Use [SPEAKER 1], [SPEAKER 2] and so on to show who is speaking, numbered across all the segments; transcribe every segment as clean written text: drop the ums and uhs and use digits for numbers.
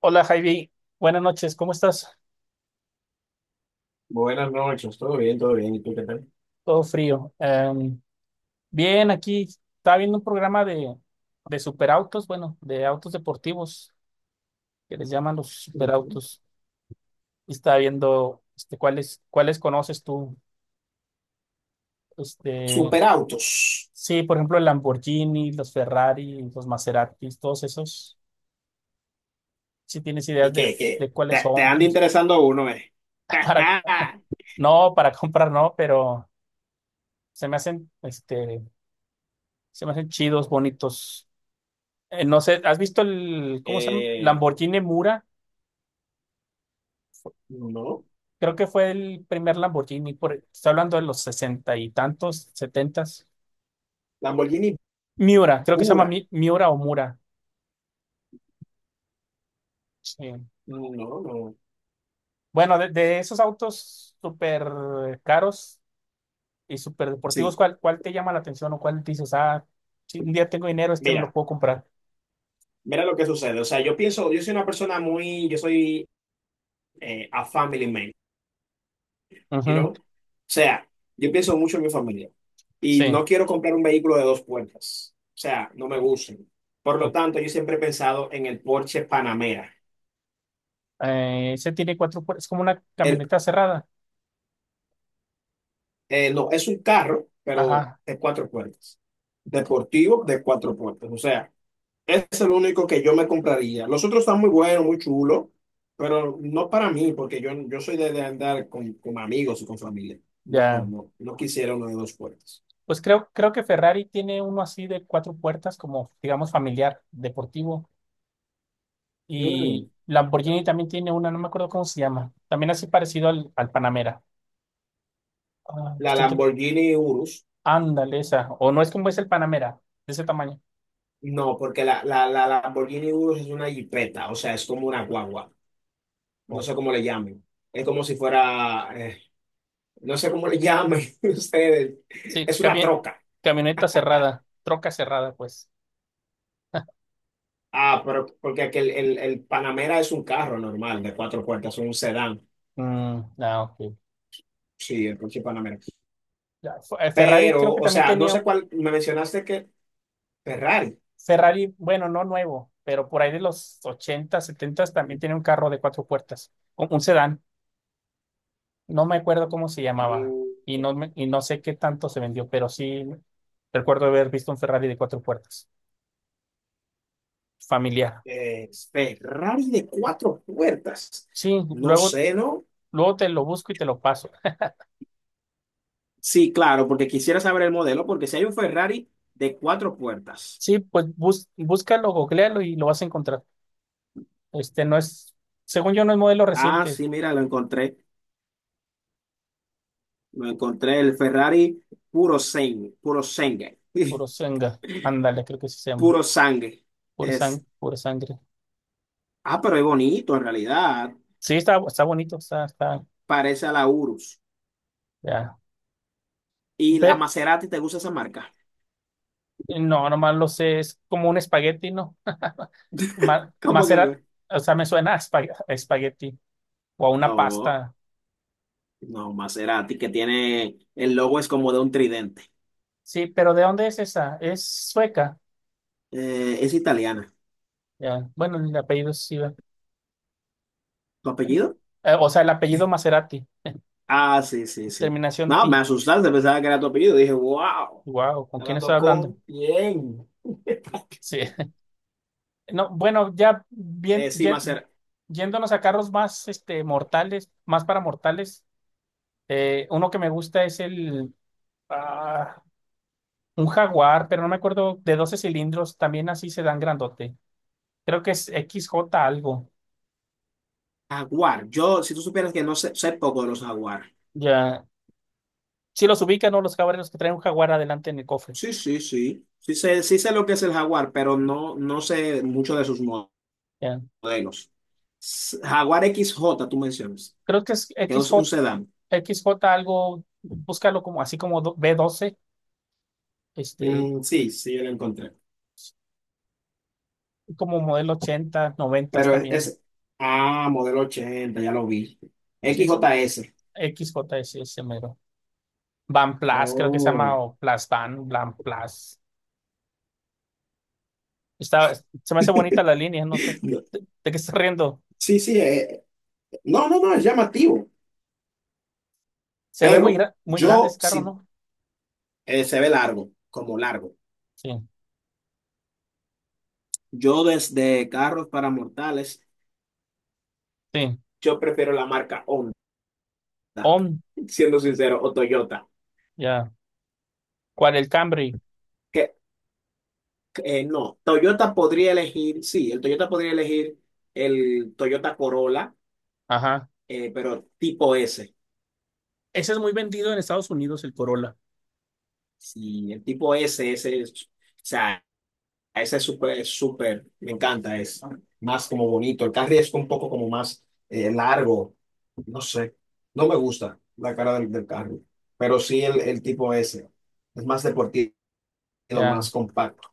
[SPEAKER 1] Hola Javi, buenas noches, ¿cómo estás?
[SPEAKER 2] Buenas noches, todo bien, todo bien. ¿Y tú qué tal?
[SPEAKER 1] Todo frío. Bien, aquí estaba viendo un programa de superautos, bueno, de autos deportivos, que les llaman los
[SPEAKER 2] Ujú.
[SPEAKER 1] superautos, y estaba viendo cuáles conoces tú. Este,
[SPEAKER 2] Superautos.
[SPEAKER 1] sí, por ejemplo, el Lamborghini, los Ferrari, los Maseratis, todos esos. Si tienes
[SPEAKER 2] ¿Y
[SPEAKER 1] ideas de,
[SPEAKER 2] qué, qué?
[SPEAKER 1] de cuáles
[SPEAKER 2] Te
[SPEAKER 1] son,
[SPEAKER 2] anda interesando uno, ¿eh?
[SPEAKER 1] para, no, para comprar no, pero se me hacen, se me hacen chidos, bonitos. No sé, ¿has visto el, cómo se llama?
[SPEAKER 2] Eh,
[SPEAKER 1] ¿Lamborghini Mura?
[SPEAKER 2] no,
[SPEAKER 1] Creo que fue el primer Lamborghini, por, estoy hablando de los sesenta y tantos, setentas.
[SPEAKER 2] Lamborghini
[SPEAKER 1] Miura, creo que se llama
[SPEAKER 2] pura.
[SPEAKER 1] Miura o Mura. Sí.
[SPEAKER 2] No, no.
[SPEAKER 1] Bueno, de esos autos súper caros y súper deportivos,
[SPEAKER 2] Sí.
[SPEAKER 1] ¿cuál te llama la atención o cuál dices, ah, si un día tengo dinero, este me lo
[SPEAKER 2] Mira,
[SPEAKER 1] puedo comprar?
[SPEAKER 2] mira lo que sucede. O sea, yo pienso, yo soy una persona muy, yo soy a family man, you
[SPEAKER 1] Ujú,
[SPEAKER 2] know? O sea, yo pienso mucho en mi familia y
[SPEAKER 1] sí.
[SPEAKER 2] no quiero comprar un vehículo de dos puertas. O sea, no me gustan. Por
[SPEAKER 1] O-
[SPEAKER 2] lo tanto, yo siempre he pensado en el Porsche Panamera.
[SPEAKER 1] Ese tiene cuatro puertas, es como una
[SPEAKER 2] El
[SPEAKER 1] camioneta cerrada.
[SPEAKER 2] No, es un carro, pero
[SPEAKER 1] Ajá,
[SPEAKER 2] de cuatro puertas. Deportivo de cuatro puertas. O sea, ese es el único que yo me compraría. Los otros están muy buenos, muy chulos, pero no para mí, porque yo soy de andar con amigos y con familia. No,
[SPEAKER 1] ya.
[SPEAKER 2] no, no quisiera uno de dos puertas.
[SPEAKER 1] Pues creo que Ferrari tiene uno así de cuatro puertas, como digamos familiar, deportivo.
[SPEAKER 2] Mm,
[SPEAKER 1] Y Lamborghini también tiene una, no me acuerdo cómo se llama. También así parecido al Panamera. Ah,
[SPEAKER 2] la
[SPEAKER 1] estoy tr-
[SPEAKER 2] Lamborghini Urus.
[SPEAKER 1] Ándale, esa. O no es como es el Panamera, de ese tamaño.
[SPEAKER 2] No, porque la Lamborghini Urus es una jipeta, o sea, es como una guagua. No
[SPEAKER 1] O-
[SPEAKER 2] sé cómo le llamen. Es como si fuera, no sé cómo le llamen ustedes.
[SPEAKER 1] sí,
[SPEAKER 2] Es una troca.
[SPEAKER 1] camioneta cerrada, troca cerrada, pues.
[SPEAKER 2] Ah, pero porque aquel, el Panamera es un carro normal de cuatro puertas, un sedán.
[SPEAKER 1] Mm, ah, ok.
[SPEAKER 2] Sí, el coche Panamera.
[SPEAKER 1] Ya, Ferrari creo
[SPEAKER 2] Pero,
[SPEAKER 1] que
[SPEAKER 2] o
[SPEAKER 1] también
[SPEAKER 2] sea, no
[SPEAKER 1] tenía.
[SPEAKER 2] sé cuál, me mencionaste que Ferrari.
[SPEAKER 1] Ferrari, bueno, no nuevo, pero por ahí de los 80 70 también tiene un carro de cuatro puertas, un sedán. No me acuerdo cómo se llamaba
[SPEAKER 2] Mm,
[SPEAKER 1] y no, y no sé qué tanto se vendió, pero sí recuerdo haber visto un Ferrari de cuatro puertas, familiar.
[SPEAKER 2] Ferrari de cuatro puertas.
[SPEAKER 1] Sí,
[SPEAKER 2] No
[SPEAKER 1] luego,
[SPEAKER 2] sé, ¿no?
[SPEAKER 1] luego te lo busco y te lo paso.
[SPEAKER 2] Sí, claro, porque quisiera saber el modelo, porque si hay un Ferrari de cuatro puertas.
[SPEAKER 1] Sí, pues búscalo, googlealo y lo vas a encontrar. Este no es, según yo, no es modelo
[SPEAKER 2] Ah,
[SPEAKER 1] reciente.
[SPEAKER 2] sí, mira, lo encontré. Lo encontré, el Ferrari puro sangue,
[SPEAKER 1] Purosangue, ándale, creo que sí se llama,
[SPEAKER 2] puro sangue. Es,
[SPEAKER 1] pura sangre.
[SPEAKER 2] ah, pero es bonito en realidad.
[SPEAKER 1] Sí, está, está bonito, está, está,
[SPEAKER 2] Parece a la Urus.
[SPEAKER 1] ya.
[SPEAKER 2] ¿Y la
[SPEAKER 1] Ve-
[SPEAKER 2] Maserati te gusta esa marca?
[SPEAKER 1] no, nomás lo sé, es como un espagueti, ¿no?
[SPEAKER 2] ¿Cómo
[SPEAKER 1] Macerar,
[SPEAKER 2] que?
[SPEAKER 1] o sea, me suena a a espagueti, o a una
[SPEAKER 2] No,
[SPEAKER 1] pasta.
[SPEAKER 2] no, Maserati, que tiene, el logo es como de un tridente.
[SPEAKER 1] Sí, pero ¿de dónde es esa? Es sueca.
[SPEAKER 2] Es italiana.
[SPEAKER 1] Ya. Bueno, el apellido es Siva.
[SPEAKER 2] ¿Tu apellido?
[SPEAKER 1] O sea, el apellido Maserati,
[SPEAKER 2] Ah, sí, sí, sí.
[SPEAKER 1] terminación
[SPEAKER 2] No, me
[SPEAKER 1] T.
[SPEAKER 2] asustaste, pensaba que era tu apellido. Dije, wow,
[SPEAKER 1] Wow, ¿con quién estoy
[SPEAKER 2] hablando
[SPEAKER 1] hablando?
[SPEAKER 2] con bien.
[SPEAKER 1] Sí. No, bueno, ya bien,
[SPEAKER 2] Sí, Maserati.
[SPEAKER 1] yéndonos a carros más mortales, más para mortales. Uno que me gusta es el ah, un Jaguar, pero no me acuerdo, de 12 cilindros, también así se dan grandote. Creo que es XJ algo.
[SPEAKER 2] Jaguar. Yo, si tú supieras que no sé, sé poco de los jaguar.
[SPEAKER 1] Ya. Si los ubican, ¿no? Los jaguares, los que traen un Jaguar adelante en el cofre.
[SPEAKER 2] Sí, sí, sí. Sí sé lo que es el jaguar, pero no, no sé mucho de sus
[SPEAKER 1] Ya.
[SPEAKER 2] modelos. S- Jaguar XJ, tú mencionas,
[SPEAKER 1] Creo que es
[SPEAKER 2] que es un
[SPEAKER 1] XJ,
[SPEAKER 2] sedán.
[SPEAKER 1] XJ algo, búscalo como así como do- b doce este,
[SPEAKER 2] Mm, sí, sí, yo lo encontré.
[SPEAKER 1] como modelo 80 90
[SPEAKER 2] Pero
[SPEAKER 1] también.
[SPEAKER 2] es- ah, modelo 80, ya lo vi.
[SPEAKER 1] Sí, eso,
[SPEAKER 2] XJS.
[SPEAKER 1] XJ es ese mero. Van Plus, creo que se llama,
[SPEAKER 2] Oh.
[SPEAKER 1] o Plus Van, Van Plus. Está, se me hace bonita la línea, no sé.
[SPEAKER 2] No,
[SPEAKER 1] ¿De qué estás riendo?
[SPEAKER 2] sí, sí, no, no, no, es llamativo,
[SPEAKER 1] Se ve muy,
[SPEAKER 2] pero
[SPEAKER 1] muy grande
[SPEAKER 2] yo
[SPEAKER 1] ese carro,
[SPEAKER 2] sí,
[SPEAKER 1] ¿no?
[SPEAKER 2] se ve largo, como largo.
[SPEAKER 1] Sí,
[SPEAKER 2] Yo desde carros para mortales,
[SPEAKER 1] sí.
[SPEAKER 2] yo prefiero la marca Honda,
[SPEAKER 1] On,
[SPEAKER 2] siendo sincero, o Toyota.
[SPEAKER 1] ya. ¿Cuál? El Camry.
[SPEAKER 2] Que eh, no, Toyota podría elegir, sí, el Toyota podría elegir el Toyota Corolla,
[SPEAKER 1] Ajá,
[SPEAKER 2] pero tipo S.
[SPEAKER 1] ese es muy vendido en Estados Unidos, el Corolla.
[SPEAKER 2] Sí, el tipo S, ese es, o sea, ese es súper, me encanta, es más como bonito. El carry es un poco como más largo, no sé, no me gusta la cara del carro, pero sí el tipo S, es más deportivo,
[SPEAKER 1] Ya.
[SPEAKER 2] más compacto.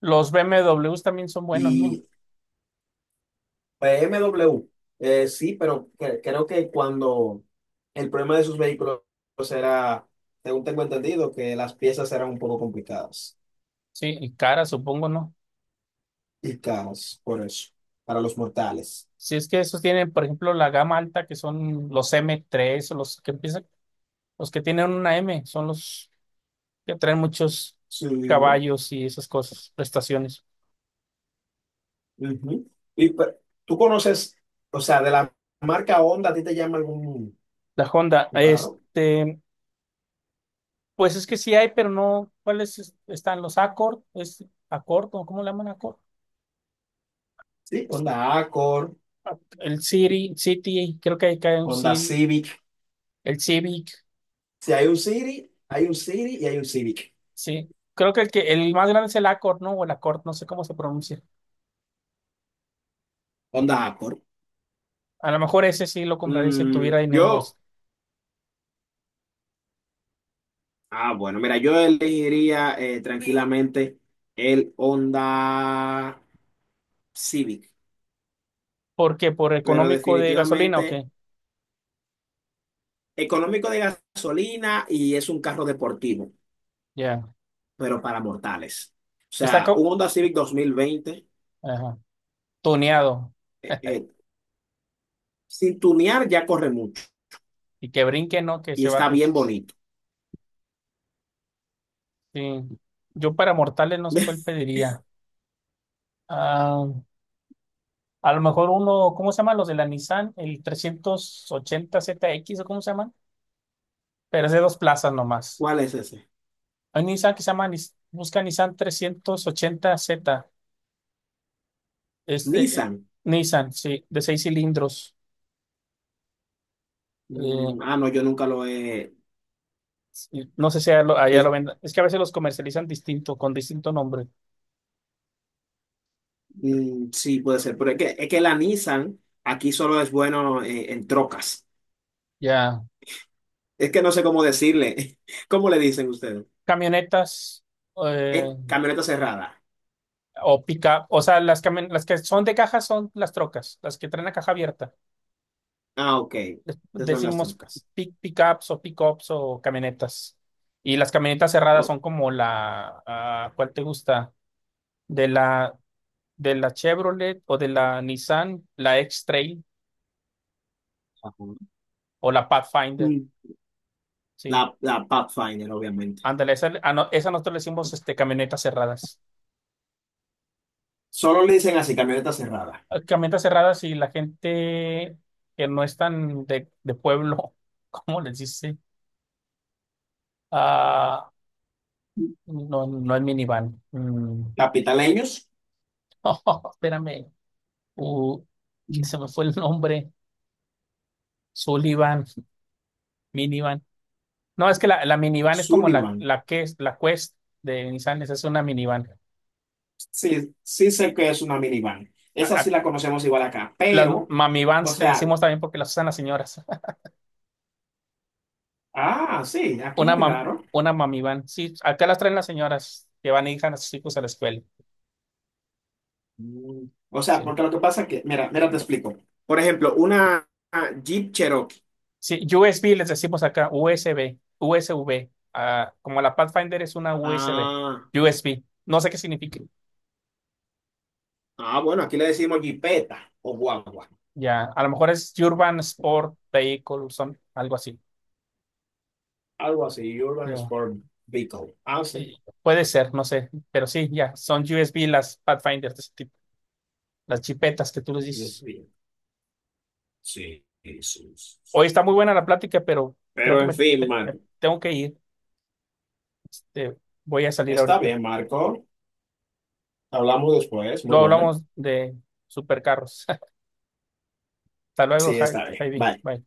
[SPEAKER 1] Los BMWs también son buenos, ¿no?
[SPEAKER 2] Y B M W, sí, pero cre- creo que cuando el problema de sus vehículos era, según tengo entendido, que las piezas eran un poco complicadas
[SPEAKER 1] Sí, y cara, supongo, ¿no?
[SPEAKER 2] y caras, por eso, para los mortales.
[SPEAKER 1] Si es que esos tienen, por ejemplo, la gama alta, que son los M3 o los que empiezan, los que tienen una M, son los que traen muchos
[SPEAKER 2] Sí.
[SPEAKER 1] caballos y esas cosas, prestaciones.
[SPEAKER 2] Ujú. Y pe- tú conoces, o sea, de la marca Honda, ¿a ti te llama algún
[SPEAKER 1] La Honda,
[SPEAKER 2] un carro?
[SPEAKER 1] este, pues es que sí hay, pero no, ¿cuáles están los Accord? ¿Es Accord o cómo le llaman Accord?
[SPEAKER 2] Sí,
[SPEAKER 1] Es-
[SPEAKER 2] Honda Accord,
[SPEAKER 1] El City, City, creo que hay un
[SPEAKER 2] Honda
[SPEAKER 1] City,
[SPEAKER 2] Civic.
[SPEAKER 1] el Civic,
[SPEAKER 2] Si hay un City, hay un City y hay un Civic.
[SPEAKER 1] sí. Creo que el más grande es el Accord, ¿no? O el Accord, no sé cómo se pronuncia.
[SPEAKER 2] Honda Accord.
[SPEAKER 1] A lo mejor ese sí lo compraría si
[SPEAKER 2] Mm,
[SPEAKER 1] tuviera dinero.
[SPEAKER 2] yo. Ah, bueno, mira, yo elegiría tranquilamente el Honda Civic,
[SPEAKER 1] ¿Por qué? ¿Por
[SPEAKER 2] pero
[SPEAKER 1] económico de gasolina o
[SPEAKER 2] definitivamente
[SPEAKER 1] qué?
[SPEAKER 2] económico de gasolina y es un carro deportivo,
[SPEAKER 1] Ya.
[SPEAKER 2] pero para mortales. O
[SPEAKER 1] Está
[SPEAKER 2] sea, un
[SPEAKER 1] co-
[SPEAKER 2] Honda Civic 2020,
[SPEAKER 1] Ajá, tuneado.
[SPEAKER 2] eh, eh, sin tunear ya corre mucho
[SPEAKER 1] Y que brinque, ¿no? Que
[SPEAKER 2] y
[SPEAKER 1] se
[SPEAKER 2] está
[SPEAKER 1] baje.
[SPEAKER 2] bien bonito.
[SPEAKER 1] Sí. Yo para mortales no sé cuál pediría. Ah, a lo mejor uno, ¿cómo se llaman los de la Nissan? El 380 ZX o cómo se llaman. Pero es de dos plazas nomás.
[SPEAKER 2] ¿Cuál es ese?
[SPEAKER 1] Hay un Nissan que se llama, busca Nissan trescientos ochenta z. Es de
[SPEAKER 2] Nissan.
[SPEAKER 1] Nissan, sí, de seis cilindros. Eh,
[SPEAKER 2] Mm, ah, no, yo nunca lo he...
[SPEAKER 1] Sí, no sé si allá lo
[SPEAKER 2] Es-
[SPEAKER 1] vendan. Es que a veces los comercializan distinto, con distinto nombre.
[SPEAKER 2] mm, sí, puede ser, pero es que la Nissan aquí solo es bueno en trocas.
[SPEAKER 1] Ya.
[SPEAKER 2] Es que no sé cómo decirle. ¿Cómo le dicen ustedes?
[SPEAKER 1] Camionetas, eh,
[SPEAKER 2] Es camioneta cerrada.
[SPEAKER 1] o pica. O sea, las, las que son de caja son las trocas, las que traen la caja abierta.
[SPEAKER 2] Ah, ok. Esas son las
[SPEAKER 1] Decimos
[SPEAKER 2] trucas.
[SPEAKER 1] pickups o pickups o camionetas. Y las camionetas cerradas
[SPEAKER 2] Oh,
[SPEAKER 1] son como la, ah, ¿cuál te gusta? De la, de la Chevrolet o de la Nissan, la X-Trail
[SPEAKER 2] ajá.
[SPEAKER 1] o la Pathfinder.
[SPEAKER 2] Mm.
[SPEAKER 1] Sí.
[SPEAKER 2] La, la Pathfinder, obviamente.
[SPEAKER 1] Ándale, esa, ah, no, esa nosotros le decimos este, camionetas cerradas.
[SPEAKER 2] Solo le dicen así, camioneta cerrada.
[SPEAKER 1] Camionetas cerradas, y la gente que no es tan de pueblo, ¿cómo les dice? Ah,
[SPEAKER 2] Mm.
[SPEAKER 1] no, no es minivan. Mm.
[SPEAKER 2] Capitaleños.
[SPEAKER 1] Oh, espérame. Uh,
[SPEAKER 2] Mm.
[SPEAKER 1] Se me fue el nombre. Sullivan, minivan. No, es que la minivan es como la,
[SPEAKER 2] Sullivan.
[SPEAKER 1] la que es la Quest de Nissan, esa es una minivan.
[SPEAKER 2] Sí, sí sé que es una minivan.
[SPEAKER 1] A-
[SPEAKER 2] Esa
[SPEAKER 1] a-
[SPEAKER 2] sí la conocemos igual acá,
[SPEAKER 1] las
[SPEAKER 2] pero, o
[SPEAKER 1] mamivans les
[SPEAKER 2] sea,
[SPEAKER 1] decimos también porque las usan las señoras.
[SPEAKER 2] ah, sí, aquí
[SPEAKER 1] Una
[SPEAKER 2] muy
[SPEAKER 1] mam-
[SPEAKER 2] raro.
[SPEAKER 1] una mamivan. Sí, acá las traen las señoras que van a ir a sus hijos a la escuela.
[SPEAKER 2] Mm. O sea,
[SPEAKER 1] Sí.
[SPEAKER 2] porque lo que pasa es que, mira, mira, te explico. Por ejemplo, una Jeep Cherokee.
[SPEAKER 1] Sí, USB les decimos acá, USB, USB. Ah, como la Pathfinder es una USB,
[SPEAKER 2] Ah.
[SPEAKER 1] USB. No sé qué significa.
[SPEAKER 2] Ah, bueno, aquí le decimos jipeta o guagua.
[SPEAKER 1] Ya, a lo mejor es Urban Sport Vehicle, son algo así.
[SPEAKER 2] Algo así, Urban
[SPEAKER 1] Ya.
[SPEAKER 2] Sport Vehicle. Ah, sí.
[SPEAKER 1] Eh, Puede ser, no sé, pero sí, ya, son USB las Pathfinders de ese tipo, las chipetas que tú les
[SPEAKER 2] Sí, Dios
[SPEAKER 1] dices.
[SPEAKER 2] mío. Sí, sí, sí.
[SPEAKER 1] Hoy está muy buena la plática, pero creo
[SPEAKER 2] Pero
[SPEAKER 1] que
[SPEAKER 2] en fin,
[SPEAKER 1] me
[SPEAKER 2] Marco.
[SPEAKER 1] tengo que ir. Este, voy a salir
[SPEAKER 2] Está
[SPEAKER 1] ahorita.
[SPEAKER 2] bien, Marco. Hablamos después. Muy
[SPEAKER 1] Luego
[SPEAKER 2] buena.
[SPEAKER 1] hablamos de supercarros. Hasta luego,
[SPEAKER 2] Sí, está bien.
[SPEAKER 1] Javi.
[SPEAKER 2] Bye.
[SPEAKER 1] Bye.